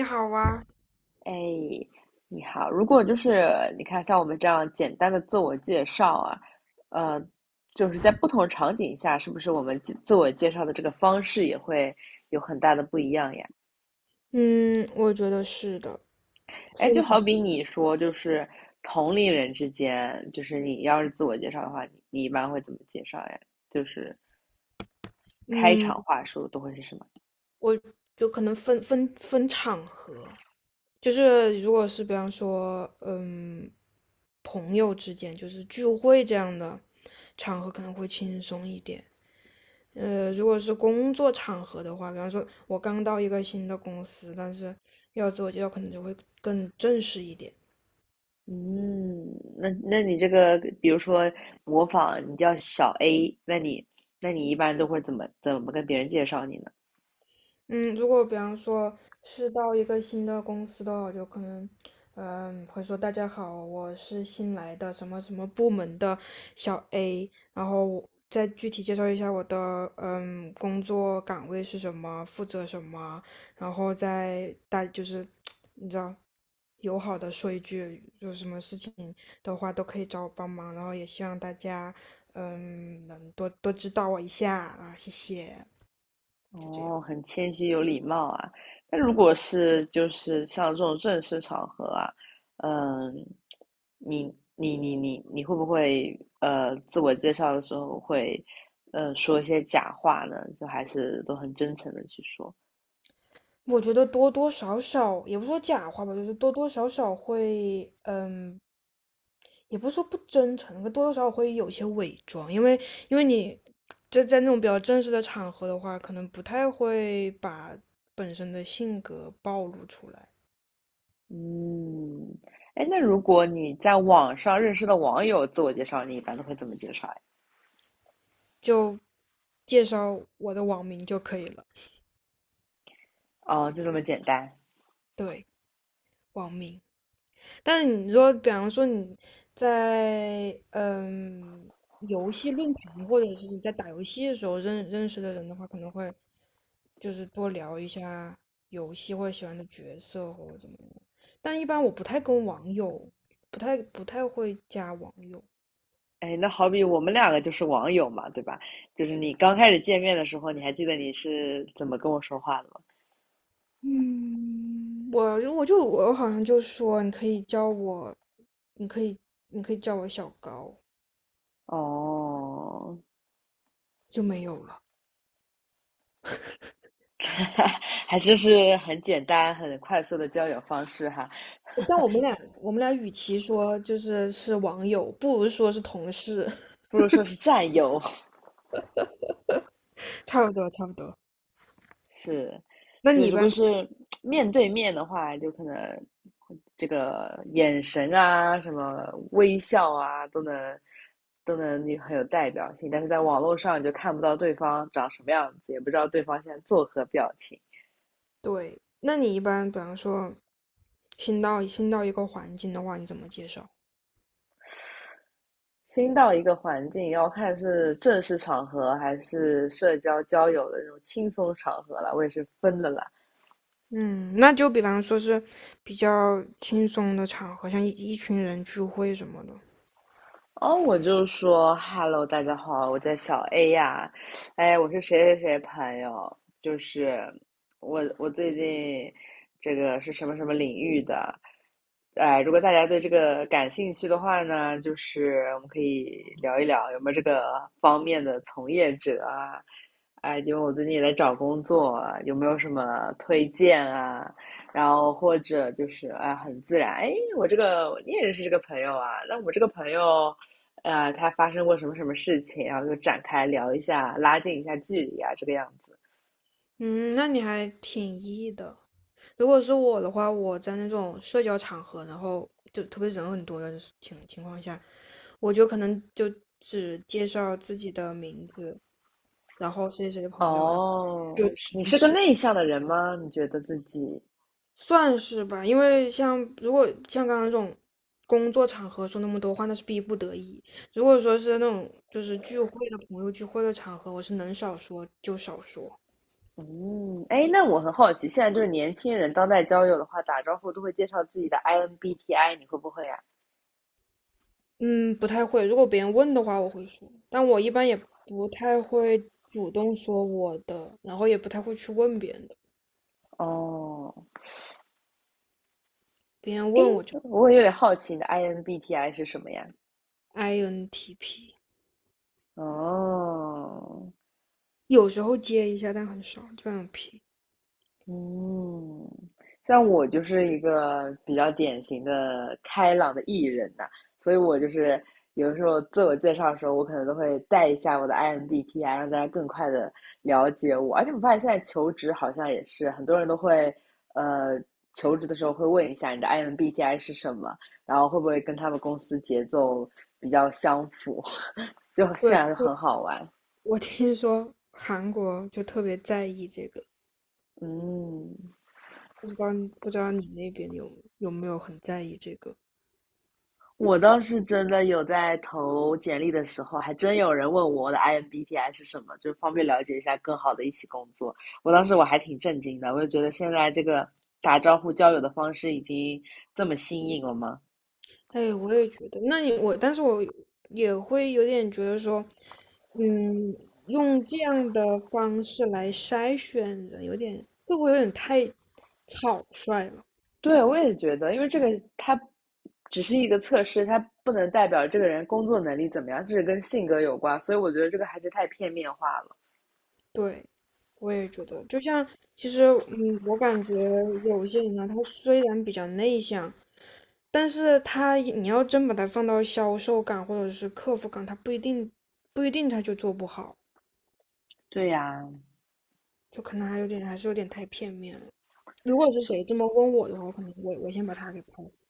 你好啊。哎，你好。如果就是你看，像我们这样简单的自我介绍啊，呃，就是在不同场景下，是不是我们自我介绍的这个方式也会有很大的不一样呀？嗯，我觉得是的。哎，分就情，好比你说，就是同龄人之间，就是你要是自我介绍的话，你一般会怎么介绍呀？就是开嗯，场话术都会是什么？我就可能分场合，就是如果是比方说，朋友之间就是聚会这样的场合可能会轻松一点。如果是工作场合的话，比方说我刚到一个新的公司，但是要自我介绍可能就会更正式一点。嗯，那你这个，比如说模仿，你叫小 A,那你一般都会怎么跟别人介绍你呢？嗯，如果比方说是到一个新的公司的话，我就可能，会说大家好，我是新来的什么什么部门的小 A，然后我再具体介绍一下我的工作岗位是什么，负责什么，然后再大就是 你知道，友好的说一句，有什么事情的话都可以找我帮忙，然后也希望大家能多多指导我一下啊，谢谢。哦，很谦虚有礼貌啊。那如果是就是像这种正式场合啊，嗯，你你会不会自我介绍的时候会说一些假话呢？就还是都很真诚的去说？我觉得多多少少，也不说假话吧，就是多多少少会，也不是说不真诚，可多多少少会有些伪装，因为因为你在那种比较正式的场合的话，可能不太会把本身的性格暴露出来，嗯，哎，那如果你在网上认识的网友自我介绍，你一般都会怎么介绍呀？就介绍我的网名就可以了。哦，就这么简单。对，网名。但是你说，比方说你在游戏论坛，或者是你在打游戏的时候认识的人的话，可能会就是多聊一下游戏或者喜欢的角色或者怎么样。但一般我不太跟网友，不太会加网友。哎，那好比我们两个就是网友嘛，对吧？就是你刚开始见面的时候，你还记得你是怎么跟我说话的吗？嗯，我好像就说你可以叫我，你可以你可以叫我小高，哦，就没有了。还真是很简单、很快速的交友方式哈，但我们俩，我们俩与其说就是是网友，不如说是同事，不如说是战友。差不多，差不多。是，那就你一如果般，是面对面的话，就可能这个眼神啊，什么微笑啊，都能很有代表性。但是在网络上，你就看不到对方长什么样子，也不知道对方现在作何表情。对，那你一般，比方说新到一个环境的话，你怎么介绍？新到一个环境，要看是正式场合还是社交交友的那种轻松场合了。我也是分了啦。嗯，那就比方说是比较轻松的场合，像一群人聚会什么的。哦，我就说 "Hello,大家好，我叫小 A 呀，哎，我是谁谁谁朋友，就是我最近这个是什么什么领域的，哎，如果大家对这个感兴趣的话呢，就是我们可以聊一聊有没有这个方面的从业者啊，哎，因为我最近也在找工作啊，有没有什么推荐啊？然后或者就是哎，很自然，哎，我这个你也认识这个朋友啊，那我这个朋友。他发生过什么什么事情，然后就展开聊一下，拉近一下距离啊，这个样子。嗯，那你还挺 E 的。如果是我的话，我在那种社交场合，然后就特别人很多的情况下，我就可能就只介绍自己的名字，然后谁谁谁的朋友，然后哦，就你停是个止，内向的人吗？你觉得自己？算是吧。因为像如果像刚刚这种工作场合说那么多话，那是逼不得已。如果说是那种就是聚会的朋友聚会的场合，我是能少说就少说。嗯，哎，那我很好奇，现在就是年轻人当代交友的话，打招呼都会介绍自己的 INBTI,你会不会呀、嗯，不太会。如果别人问的话，我会说，但我一般也不太会主动说我的，然后也不太会去问别人的。哦，别人哎，问我就 我有点好奇你的 INBTI 是什么呀？INTP。哦，有时候接一下，但很少，基本上皮。嗯，像我就是一个比较典型的开朗的艺人呐、所以我就是有的时候自我介绍的时候，我可能都会带一下我的 IMBTI,让大家更快的了解我。而且我发现现在求职好像也是很多人都会，呃，求职的时候会问一下你的 IMBTI 是什么，然后会不会跟他们公司节奏比较相符，就现在就对很好玩。我听说韩国就特别在意这个，嗯，不知道你那边有没有很在意这个？我倒是真的有在投简历的时候，还真有人问我的 IMBTI 是什么，就方便了解一下更好的一起工作。我当时我还挺震惊的，我就觉得现在这个打招呼交友的方式已经这么新颖了吗？哎，我也觉得，那你我，但是我也会有点觉得说，嗯，用这样的方式来筛选人，会不会有点太草率了？对，我也觉得，因为这个它只是一个测试，它不能代表这个人工作能力怎么样，这是跟性格有关，所以我觉得这个还是太片面化了。对，我也觉得，其实，嗯，我感觉有些人呢，他虽然比较内向，但是他你要真把他放到销售岗或者是客服岗，他不一定他就做不好，对呀，就可能还有点还是有点太片面了。如果是是 谁 这么问我的话，可能我先把他给抛死。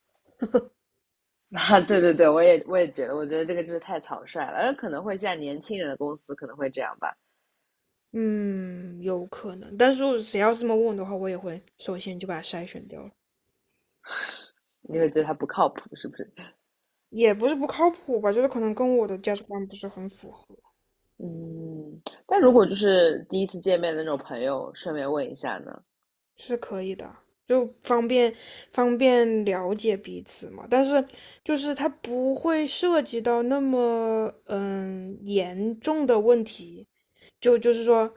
啊，对对对，我也觉得，我觉得这个就是太草率了，可能会像年轻人的公司可能会这样吧。嗯，有可能，但是如果谁要是这么问我的话，我也会首先就把他筛选掉了。你会觉得他不靠谱，是不是？也不是不靠谱吧，就是可能跟我的价值观不是很符合。嗯，但如果就是第一次见面的那种朋友，顺便问一下呢？是可以的，就方便了解彼此嘛。但是就是它不会涉及到那么严重的问题，就是说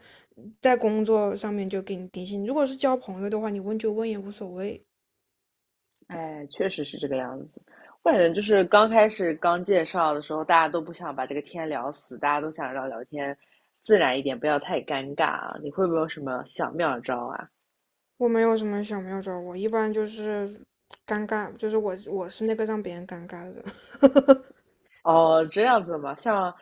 在工作上面就给你定性。如果是交朋友的话，你问就问也无所谓。哎，确实是这个样子。我感觉就是刚开始刚介绍的时候，大家都不想把这个天聊死，大家都想让聊天自然一点，不要太尴尬啊。你会不会有什么小妙招啊？我没有什么小妙招，我一般就是尴尬，就是我是那个让别人尴尬的人。哦，这样子嘛，像，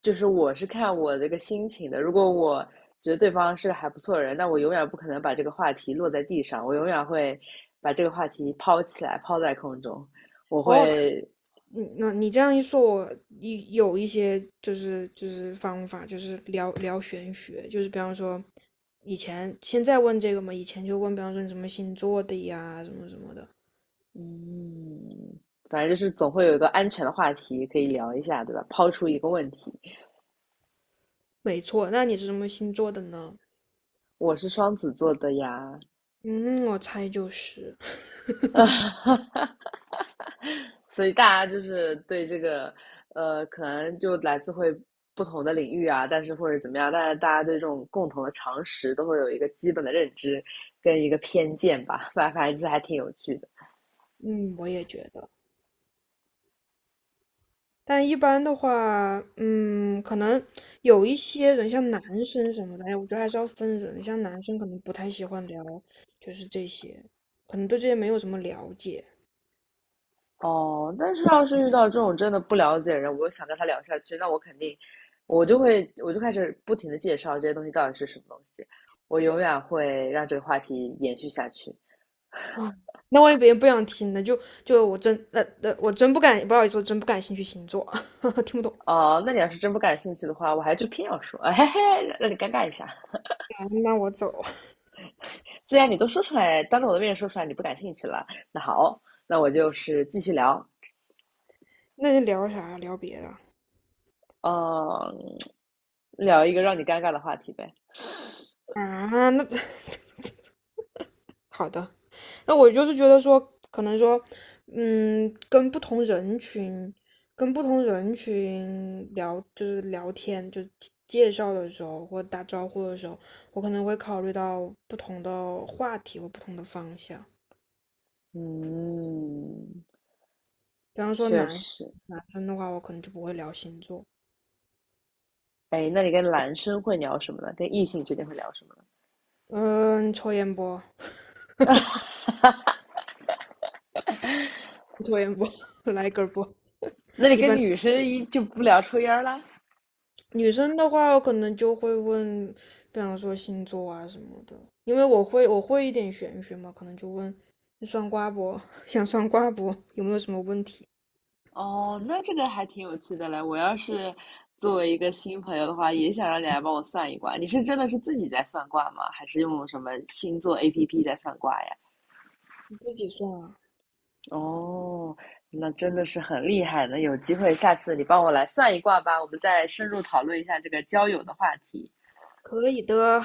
就是我是看我这个心情的。如果我觉得对方是个还不错的人，那我永远不可能把这个话题落在地上，我永远会把这个话题抛起来，抛在空中。我哦，会，嗯，那你这样一说，有一些就是就是方法，就是聊聊玄学，就是比方说以前现在问这个嘛，以前就问，比方说你什么星座的呀，什么什么的。嗯，反正就是总会有一个安全的话题可以聊一下，对吧？抛出一个问题，没错，那你是什么星座的呢？我是双子座的呀，嗯，我猜就是，啊，所以大家就是对这个，可能就来自会不同的领域啊，但是或者怎么样，但是大家对这种共同的常识都会有一个基本的认知跟一个偏见吧，反正这还挺有趣的。嗯，我也觉得。但一般的话，可能有一些人，像男生什么的，哎，我觉得还是要分人。像男生可能不太喜欢聊，就是这些，可能对这些没有什么了解。哦，但是要是遇到这种真的不了解的人，我又想跟他聊下去，那我肯定，我就开始不停的介绍这些东西到底是什么东西，我永远会让这个话题延续下去。啊，那万一别人不想听呢？就那我真不敢，不好意思，我真不感兴趣星座，听不懂。哦，那你要是真不感兴趣的话，我还就偏要说，嘿嘿，让你尴尬一下。啊那我走，既然你都说出来，当着我的面说出来你不感兴趣了，那好，那我就是继续聊，那就聊别的嗯，聊一个让你尴尬的话题呗。啊？那 好的，那我就是觉得说，可能说，跟不同人群，跟不同人群聊，就是聊天，就是介绍的时候或打招呼的时候，我可能会考虑到不同的话题或不同的方向。嗯，比方说确实。男生的话，我可能就不会聊星座。哎，那你跟男生会聊什么呢？跟异性之间会聊什么嗯，抽烟不？呢？抽烟不？来根儿不？那你一跟般女生一就不聊抽烟了？女生的话，可能就会问，比方说星座啊什么的，因为我会一点玄学嘛，可能就问你算卦不？想算卦不？有没有什么问题？哦，那这个还挺有趣的嘞。我要是作为一个新朋友的话，也想让你来帮我算一卦。你是真的是自己在算卦吗？还是用什么星座 APP 在算卦呀？你自己算啊，哦，那真的是很厉害呢。有机会下次你帮我来算一卦吧，我们再深入讨论一下这个交友的话题。可以的。